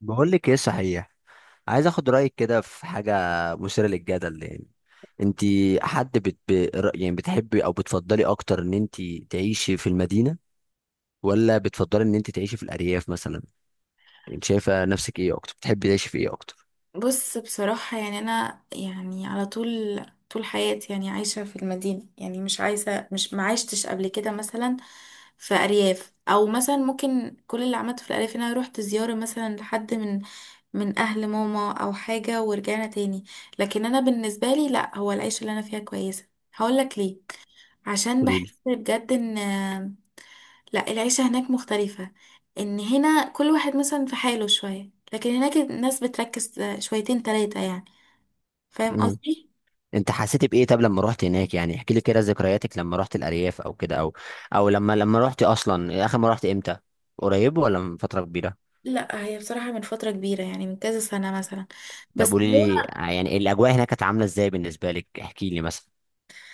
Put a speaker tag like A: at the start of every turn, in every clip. A: بقول لك ايه صحيح. عايز اخد رايك كده في حاجه مثيره للجدل يعني. انت حد بت... ب- ر- يعني بتحبي او بتفضلي اكتر ان انت تعيشي في المدينه، ولا بتفضلي ان انت تعيشي في الارياف مثلا؟ انت شايفه نفسك ايه اكتر؟ بتحبي تعيشي في ايه اكتر؟
B: بص، بصراحة يعني أنا يعني على طول طول حياتي يعني عايشة في المدينة. يعني مش معيشتش قبل كده مثلا في أرياف، أو مثلا ممكن كل اللي عملته في الأرياف إن أنا روحت زيارة مثلا لحد من أهل ماما أو حاجة ورجعنا تاني. لكن أنا بالنسبة لي لأ، هو العيشة اللي أنا فيها كويسة. هقولك ليه. عشان
A: قولي لي.
B: بحس بجد إن لا العيشة هناك مختلفة، ان هنا كل واحد مثلا في حاله شوية، لكن هناك الناس بتركز شويتين تلاتة يعني. فاهم
A: امم
B: قصدي؟
A: انت حسيتي بايه طب لما رحت هناك؟ يعني احكي لي كده ذكرياتك لما رحت الارياف او كده، او لما رحت اصلا. اخر ما رحت امتى؟ قريب ولا من فتره كبيره؟
B: لا هي بصراحة من فترة كبيرة يعني من كذا سنة مثلا. بس
A: طب قولي
B: هو
A: لي يعني الاجواء هناك كانت عامله ازاي بالنسبه لك؟ احكي لي مثلا.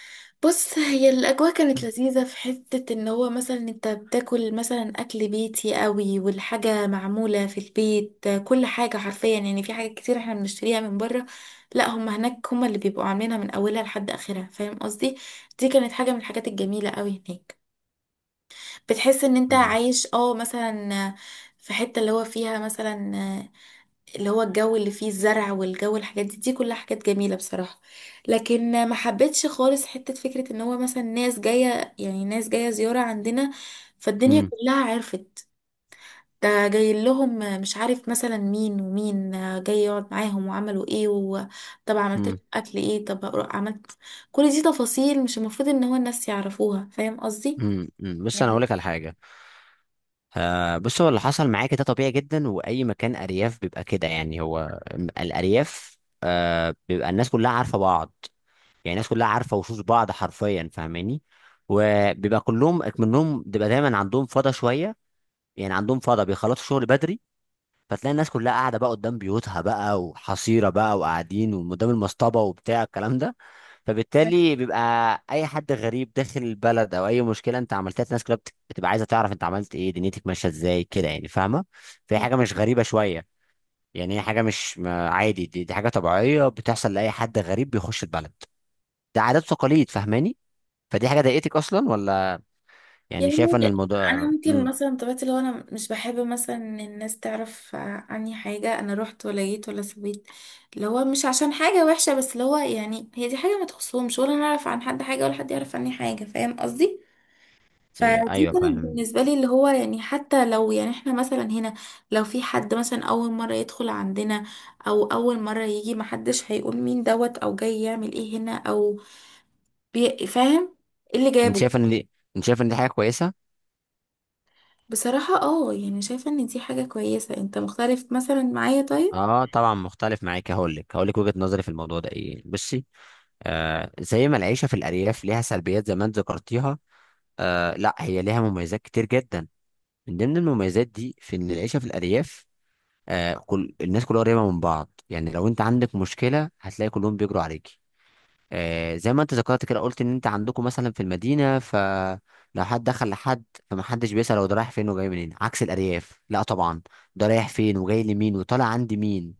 B: بص، هي الأجواء كانت لذيذة في حتة ان هو مثلا انت بتاكل مثلا أكل بيتي قوي، والحاجة معمولة في البيت كل حاجة حرفيا. يعني في حاجات كتير احنا بنشتريها من بره، لا هم هناك هم اللي بيبقوا عاملينها من أولها لحد آخرها. فاهم قصدي؟ دي كانت حاجة من الحاجات الجميلة قوي هناك. بتحس ان انت عايش مثلا في حتة اللي هو فيها، مثلا اللي هو الجو اللي فيه الزرع والجو، الحاجات دي كلها حاجات جميلة بصراحة. لكن ما حبيتش خالص حتة فكرة ان هو مثلا ناس جاية زيارة عندنا، فالدنيا
A: امم
B: كلها عرفت. ده جاي لهم، مش عارف مثلا مين ومين، جاي يقعد معاهم، وعملوا ايه، وطب عملت
A: امم
B: لك اكل ايه، طب عملت. كل دي تفاصيل مش المفروض ان هو الناس يعرفوها. فاهم قصدي؟
A: أمم. بص انا
B: يعني
A: اقول لك على حاجه. بص، هو اللي حصل معاك ده طبيعي جدا، واي مكان ارياف بيبقى كده. يعني هو الارياف بيبقى الناس كلها عارفه بعض. يعني الناس كلها عارفه وشوش بعض حرفيا، فاهماني؟ وبيبقى كلهم منهم بيبقى دايما عندهم فضا شويه. يعني عندهم فضا بيخلصوا شغل بدري، فتلاقي الناس كلها قاعده بقى قدام بيوتها بقى، وحصيره بقى، وقاعدين وقدام المصطبه، وبتاع الكلام ده. فبالتالي بيبقى اي حد غريب داخل البلد او اي مشكله انت عملتها، الناس كلها بتبقى عايزه تعرف انت عملت ايه، دنيتك ماشيه ازاي كده، يعني فاهمه؟ فهي حاجه مش غريبه شويه. يعني هي حاجه مش عادي، دي حاجه طبيعيه بتحصل لاي حد غريب بيخش البلد. ده عادات وتقاليد، فاهماني؟ فدي حاجه ضايقتك اصلا ولا؟ يعني
B: يعني
A: شايفه ان الموضوع
B: انا ممكن مثلا طبيعتي، لو انا مش بحب مثلا ان الناس تعرف عني حاجه، انا رحت ولا جيت ولا سويت، اللي هو مش عشان حاجه وحشه، بس اللي هو يعني هي دي حاجه ما تخصهمش، ولا انا اعرف عن حد حاجه ولا حد يعرف عني حاجه. فاهم قصدي؟ فدي
A: ايوه،
B: كانت
A: فاهم.
B: بالنسبه لي اللي هو يعني حتى لو يعني احنا مثلا هنا، لو في حد مثلا اول مره يدخل عندنا، او اول مره يجي، محدش هيقول مين دوت، او جاي يعمل ايه هنا، او فاهم، إيه اللي
A: انت
B: جابه.
A: شايفه ان دي انت شايفه ان دي حاجه كويسه؟
B: بصراحة اه يعني شايفة ان دي حاجة كويسة. انت مختلف مثلا معايا طيب.
A: اه طبعا مختلف معاك. هقول لك وجهة نظري في الموضوع ده ايه. بصي، زي ما العيشه في الارياف ليها سلبيات زي ما انت ذكرتيها، لا هي ليها مميزات كتير جدا. من ضمن المميزات دي، في ان العيشه في الارياف، كل الناس كلها قريبه من بعض. يعني لو انت عندك مشكله هتلاقي كلهم بيجروا عليكي. زي ما انت ذكرت كده، قلت ان انت عندكم مثلا في المدينه فلو حد دخل لحد، فمحدش بيسأل هو ده رايح فين وجاي منين. عكس الارياف، لا طبعا، ده رايح فين وجاي لمين وطالع عند مين،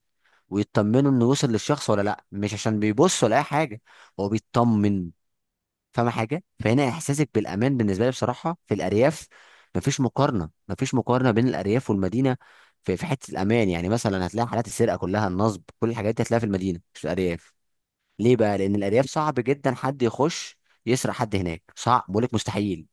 A: ويطمنوا انه وصل للشخص ولا لا. مش عشان بيبص ولا اي حاجه، هو بيطمن. فاهم حاجه؟ فهنا احساسك بالامان بالنسبه لي، بصراحه في الارياف مفيش مقارنه، مفيش مقارنه بين الارياف والمدينه في حته الامان. يعني مثلا هتلاقي حالات السرقه كلها، النصب، كل الحاجات دي هتلاقيها في المدينه مش في الارياف. ليه بقى؟ لان الارياف صعب جدا حد يخش يسرق حد هناك، صعب، بقول لك مستحيل،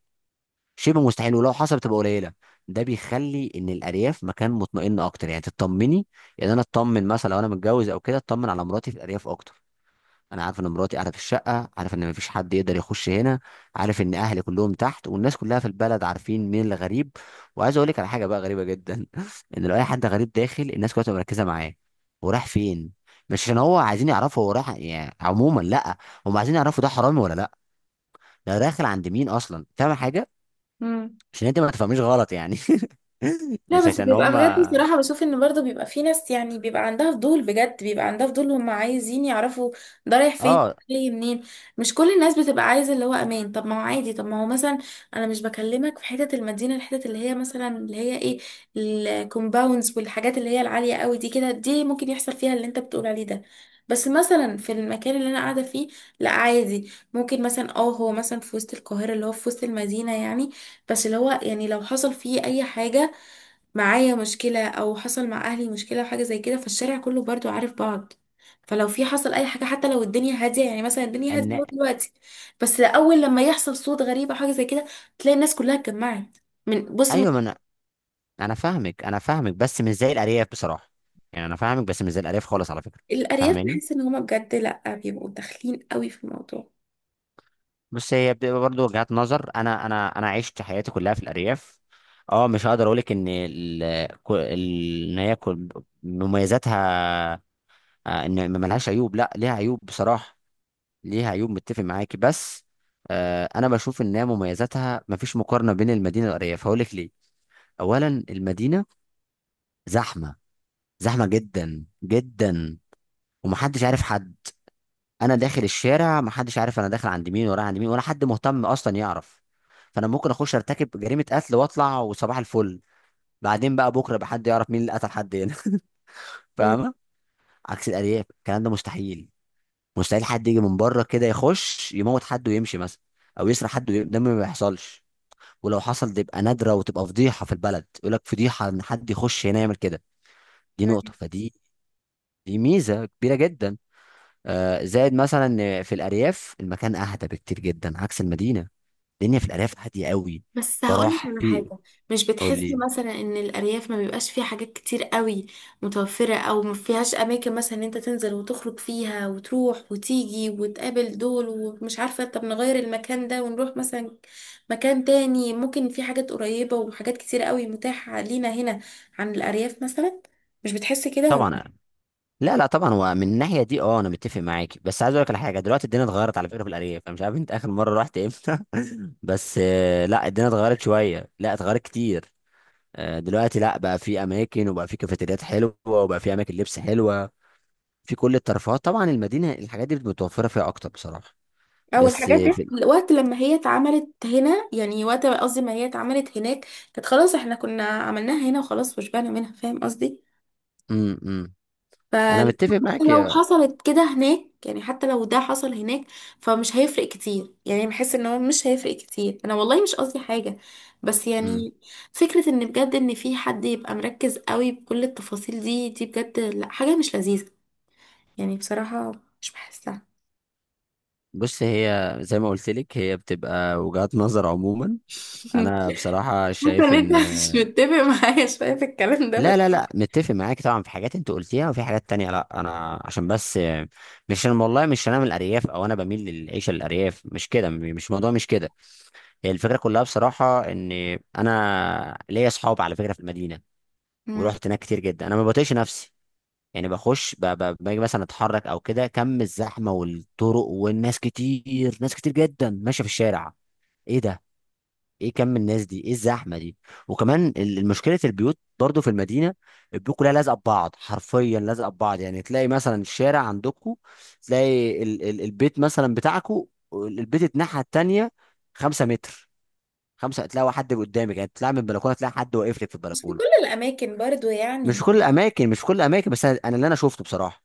A: شبه مستحيل، ولو حصل بتبقى قليله. ده بيخلي ان الارياف مكان مطمئن اكتر، يعني تطمني. يعني انا اطمن مثلا لو انا متجوز او كده، اطمن على مراتي في الارياف اكتر. انا عارف ان مراتي قاعده في الشقه، عارف ان مفيش حد يقدر يخش هنا، عارف ان اهلي كلهم تحت، والناس كلها في البلد عارفين مين اللي غريب. وعايز اقول لك على حاجه بقى غريبه جدا ان لو اي حد غريب داخل، الناس كلها تبقى مركزه معاه هو راح فين. مش عشان هو عايزين يعرفوا هو راح يعني عموما، لا، هم عايزين يعرفوا ده حرامي ولا لا، ده داخل عند مين اصلا. فاهم حاجه؟
B: مم.
A: عشان انت ما تفهميش غلط يعني
B: لا
A: مش
B: بس
A: عشان
B: بيبقى
A: هم.
B: بجد بصراحة بشوف ان برضه بيبقى في ناس يعني بيبقى عندها فضول، بجد بيبقى عندها فضول، هم عايزين يعرفوا ده رايح فين
A: اه
B: جاي منين. مش كل الناس بتبقى عايزة اللي هو امان. طب ما هو عادي، طب ما هو مثلا انا مش بكلمك في حتة المدينة، الحتة اللي هي مثلا اللي هي ايه، الكومباوندز والحاجات اللي هي العالية قوي دي كده، دي ممكن يحصل فيها اللي انت بتقول عليه ده. بس مثلا في المكان اللي انا قاعدة فيه، لا عادي، ممكن مثلا اه، هو مثلا في وسط القاهرة، اللي هو في وسط المدينة يعني. بس اللي هو يعني لو حصل فيه اي حاجة، معايا مشكلة أو حصل مع أهلي مشكلة أو حاجة زي كده، فالشارع كله برضو عارف بعض. فلو في حصل أي حاجة، حتى لو الدنيا هادية، يعني مثلا الدنيا هادية
A: ان
B: أهو دلوقتي، بس أول لما يحصل صوت غريب أو حاجة زي كده، تلاقي الناس كلها اتجمعت من
A: ايوه، ما انا فاهمك انا فاهمك، بس مش زي الارياف بصراحه. يعني انا فاهمك بس مش زي الارياف خالص، على فكره،
B: الأرياف.
A: فاهماني؟
B: بحس إن هما بجد لأ بيبقوا داخلين قوي في الموضوع.
A: بص هي بتبقى برضه وجهات نظر. انا عشت حياتي كلها في الارياف. اه مش هقدر اقولك ان ال... كو- ال... ان هي كل- مميزاتها. ان ما لهاش عيوب، لا ليها عيوب بصراحه، ليها عيوب، متفق معاكي، بس انا بشوف ان هي مميزاتها مفيش مقارنه بين المدينه والارياف. هقولك ليه، اولا المدينه زحمه، زحمه جدا جدا، ومحدش عارف حد. انا داخل الشارع محدش عارف انا داخل عند مين ورايح عند مين، ولا حد مهتم اصلا يعرف. فانا ممكن اخش ارتكب جريمه قتل واطلع وصباح الفل، بعدين بقى بكره بقى حد يعرف مين اللي قتل حد هنا فاهمه؟ عكس الارياف، الكلام ده مستحيل. مستحيل حد يجي من بره كده يخش يموت حد ويمشي مثلا، او يسرق حد ده ما بيحصلش. ولو حصل تبقى نادره، وتبقى فضيحه في البلد، يقول لك فضيحه ان حد يخش هنا يعمل كده. دي نقطه. فدي ميزه كبيره جدا. زائد مثلا إن في الارياف المكان اهدى بكتير جدا عكس المدينه. الدنيا في الارياف هاديه قوي.
B: بس هقولك
A: بروح
B: على
A: في
B: حاجة، مش
A: قول
B: بتحسي
A: لي.
B: مثلا ان الأرياف ما بيبقاش فيها حاجات كتير قوي متوفرة، او ما فيهاش اماكن مثلا ان انت تنزل وتخرج فيها وتروح وتيجي وتقابل دول، ومش عارفة طب نغير المكان ده ونروح مثلا مكان تاني. ممكن في حاجات قريبة وحاجات كتير قوي متاحة لينا هنا عن الأرياف مثلا. مش بتحسي كده ولا؟
A: طبعا، لا لا طبعا، هو من الناحيه دي انا متفق معاك، بس عايز اقول لك على حاجه. دلوقتي الدنيا اتغيرت على فكره في الارياف، انا مش عارف انت اخر مره رحت امتى بس لا الدنيا اتغيرت شويه، لا اتغيرت كتير. دلوقتي لا، بقى في اماكن، وبقى في كافيتريات حلوه، وبقى في اماكن لبس حلوه، في كل الترفيهات. طبعا المدينه الحاجات دي متوفره فيها اكتر بصراحه.
B: او
A: بس
B: الحاجات
A: آه،
B: دي
A: في
B: الوقت لما هي اتعملت هنا، يعني وقت قصدي ما هي اتعملت هناك، كانت خلاص احنا كنا عملناها هنا وخلاص وشبعنا منها. فاهم قصدي؟
A: امم انا متفق معاك
B: فلو حصلت كده هناك، يعني حتى لو ده حصل هناك فمش هيفرق كتير. يعني بحس ان هو مش هيفرق كتير. انا والله مش قصدي حاجة بس
A: مم.
B: يعني، فكرة ان بجد ان في حد يبقى مركز قوي بكل التفاصيل دي، دي بجد لا، حاجة مش لذيذة يعني بصراحة، مش بحسها.
A: بص هي زي ما قلت لك، هي بتبقى وجهات نظر عموما. انا بصراحه
B: حاسة ان
A: شايف
B: انت
A: ان
B: مش متفق معايا شوية في الكلام ده بس.
A: لا لا لا، متفق معاك طبعا، في حاجات انت قلتيها وفي حاجات تانية لا. انا عشان بس، مش انا والله، مش انا من الارياف او انا بميل للعيشه للارياف، مش كده، مش موضوع مش كده. هي الفكره كلها بصراحه ان انا ليا اصحاب على فكره في المدينه،
B: مم.
A: ورحت هناك كتير جدا. انا ما بطيقش نفسي، يعني بخش باجي مثلا اتحرك او كده، كم الزحمه والطرق والناس، كتير ناس كتير جدا ماشيه في الشارع. ايه ده؟ ايه كم الناس دي؟ ايه الزحمه دي؟ وكمان مشكله البيوت برضو في المدينه، البيوت كلها لازقه ببعض، حرفيا لازقه ببعض. يعني تلاقي مثلا الشارع عندكم، تلاقي ال البيت مثلا بتاعكم، البيت الناحيه التانيه، خمسة متر، خمسة، تلاقي حد قدامك. يعني تطلع من البلكونه تلاقي حد واقف لك في
B: مش في
A: البلكونه.
B: كل الأماكن برضو
A: مش في
B: يعني.
A: كل الاماكن، مش في كل الاماكن، بس أنا اللي انا شفته بصراحه.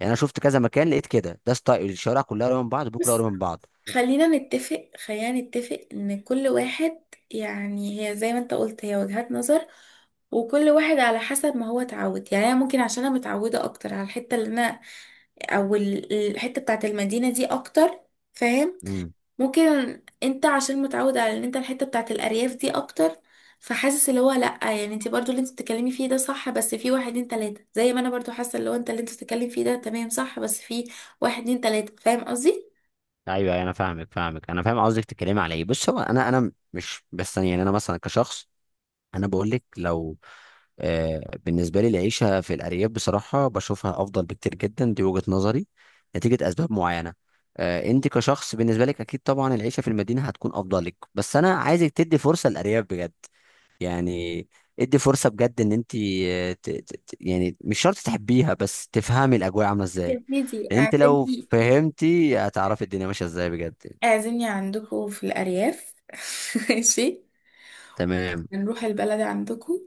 A: يعني انا شفت كذا مكان لقيت كده، ده ستايل، الشوارع كلها قريبه من بعض، البيوت كلها
B: بس
A: قريبه من بعض.
B: خلينا نتفق ان كل واحد، يعني هي زي ما انت قلت هي وجهات نظر، وكل واحد على حسب ما هو اتعود. يعني انا ممكن عشان انا متعوده اكتر على الحته اللي انا، او الحته بتاعت المدينه دي اكتر. فاهم؟
A: امم.
B: ممكن انت عشان متعود على ان انت الحته بتاعت الارياف دي اكتر، فحاسس اللي هو لا، يعني انت برضو اللي انت بتتكلمي فيه ده صح بس في واحد اتنين تلاته، زي ما انا برضو حاسه اللي هو انت اللي انت بتتكلم فيه ده تمام صح بس في واحد اتنين تلاته. فاهم قصدي؟
A: ايوه، أيوة، انا فاهمك، انا فاهم قصدك تتكلمي على ايه. بص هو انا مش بس، يعني انا مثلا كشخص انا بقول لك لو آه بالنسبه لي العيشه في الارياف بصراحه بشوفها افضل بكتير جدا. دي وجهه نظري نتيجه اسباب معينه. انت كشخص بالنسبه لك اكيد طبعا العيشه في المدينه هتكون افضل لك، بس انا عايزك تدي فرصه للارياف بجد. يعني ادي فرصه بجد ان انت يعني مش شرط تحبيها، بس تفهمي الاجواء عامله ازاي.
B: يا سيدي
A: لان انت لو
B: اعزمني،
A: فهمتي هتعرفي الدنيا ماشيه ازاي بجد.
B: اعزمني عندكم في الأرياف. ماشي،
A: تمام.
B: نروح البلد عندكم،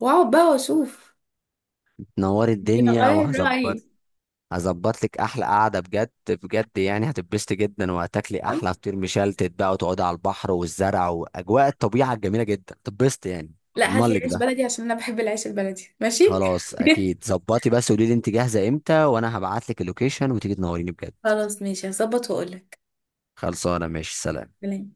B: واقعد بقى واشوف.
A: تنور
B: يمكن
A: الدنيا
B: اغير رأيي.
A: وهظبط. هظبط لك احلى قعده بجد بجد، يعني هتتبسطي جدا وهتاكلي احلى فطير مشلتت بقى، وتقعدي على البحر والزرع واجواء الطبيعه الجميله جدا، هتتبسطي يعني.
B: لا،
A: اضمن
B: هات لي
A: لك
B: عيش
A: ده.
B: بلدي عشان انا بحب العيش البلدي. ماشي.
A: خلاص اكيد ظبطي، بس قولي لي انت جاهزه امتى وانا هبعت لك اللوكيشن وتيجي تنوريني بجد.
B: خلاص، ماشي، هظبط واقول
A: خلصانه، ماشي سلام.
B: لك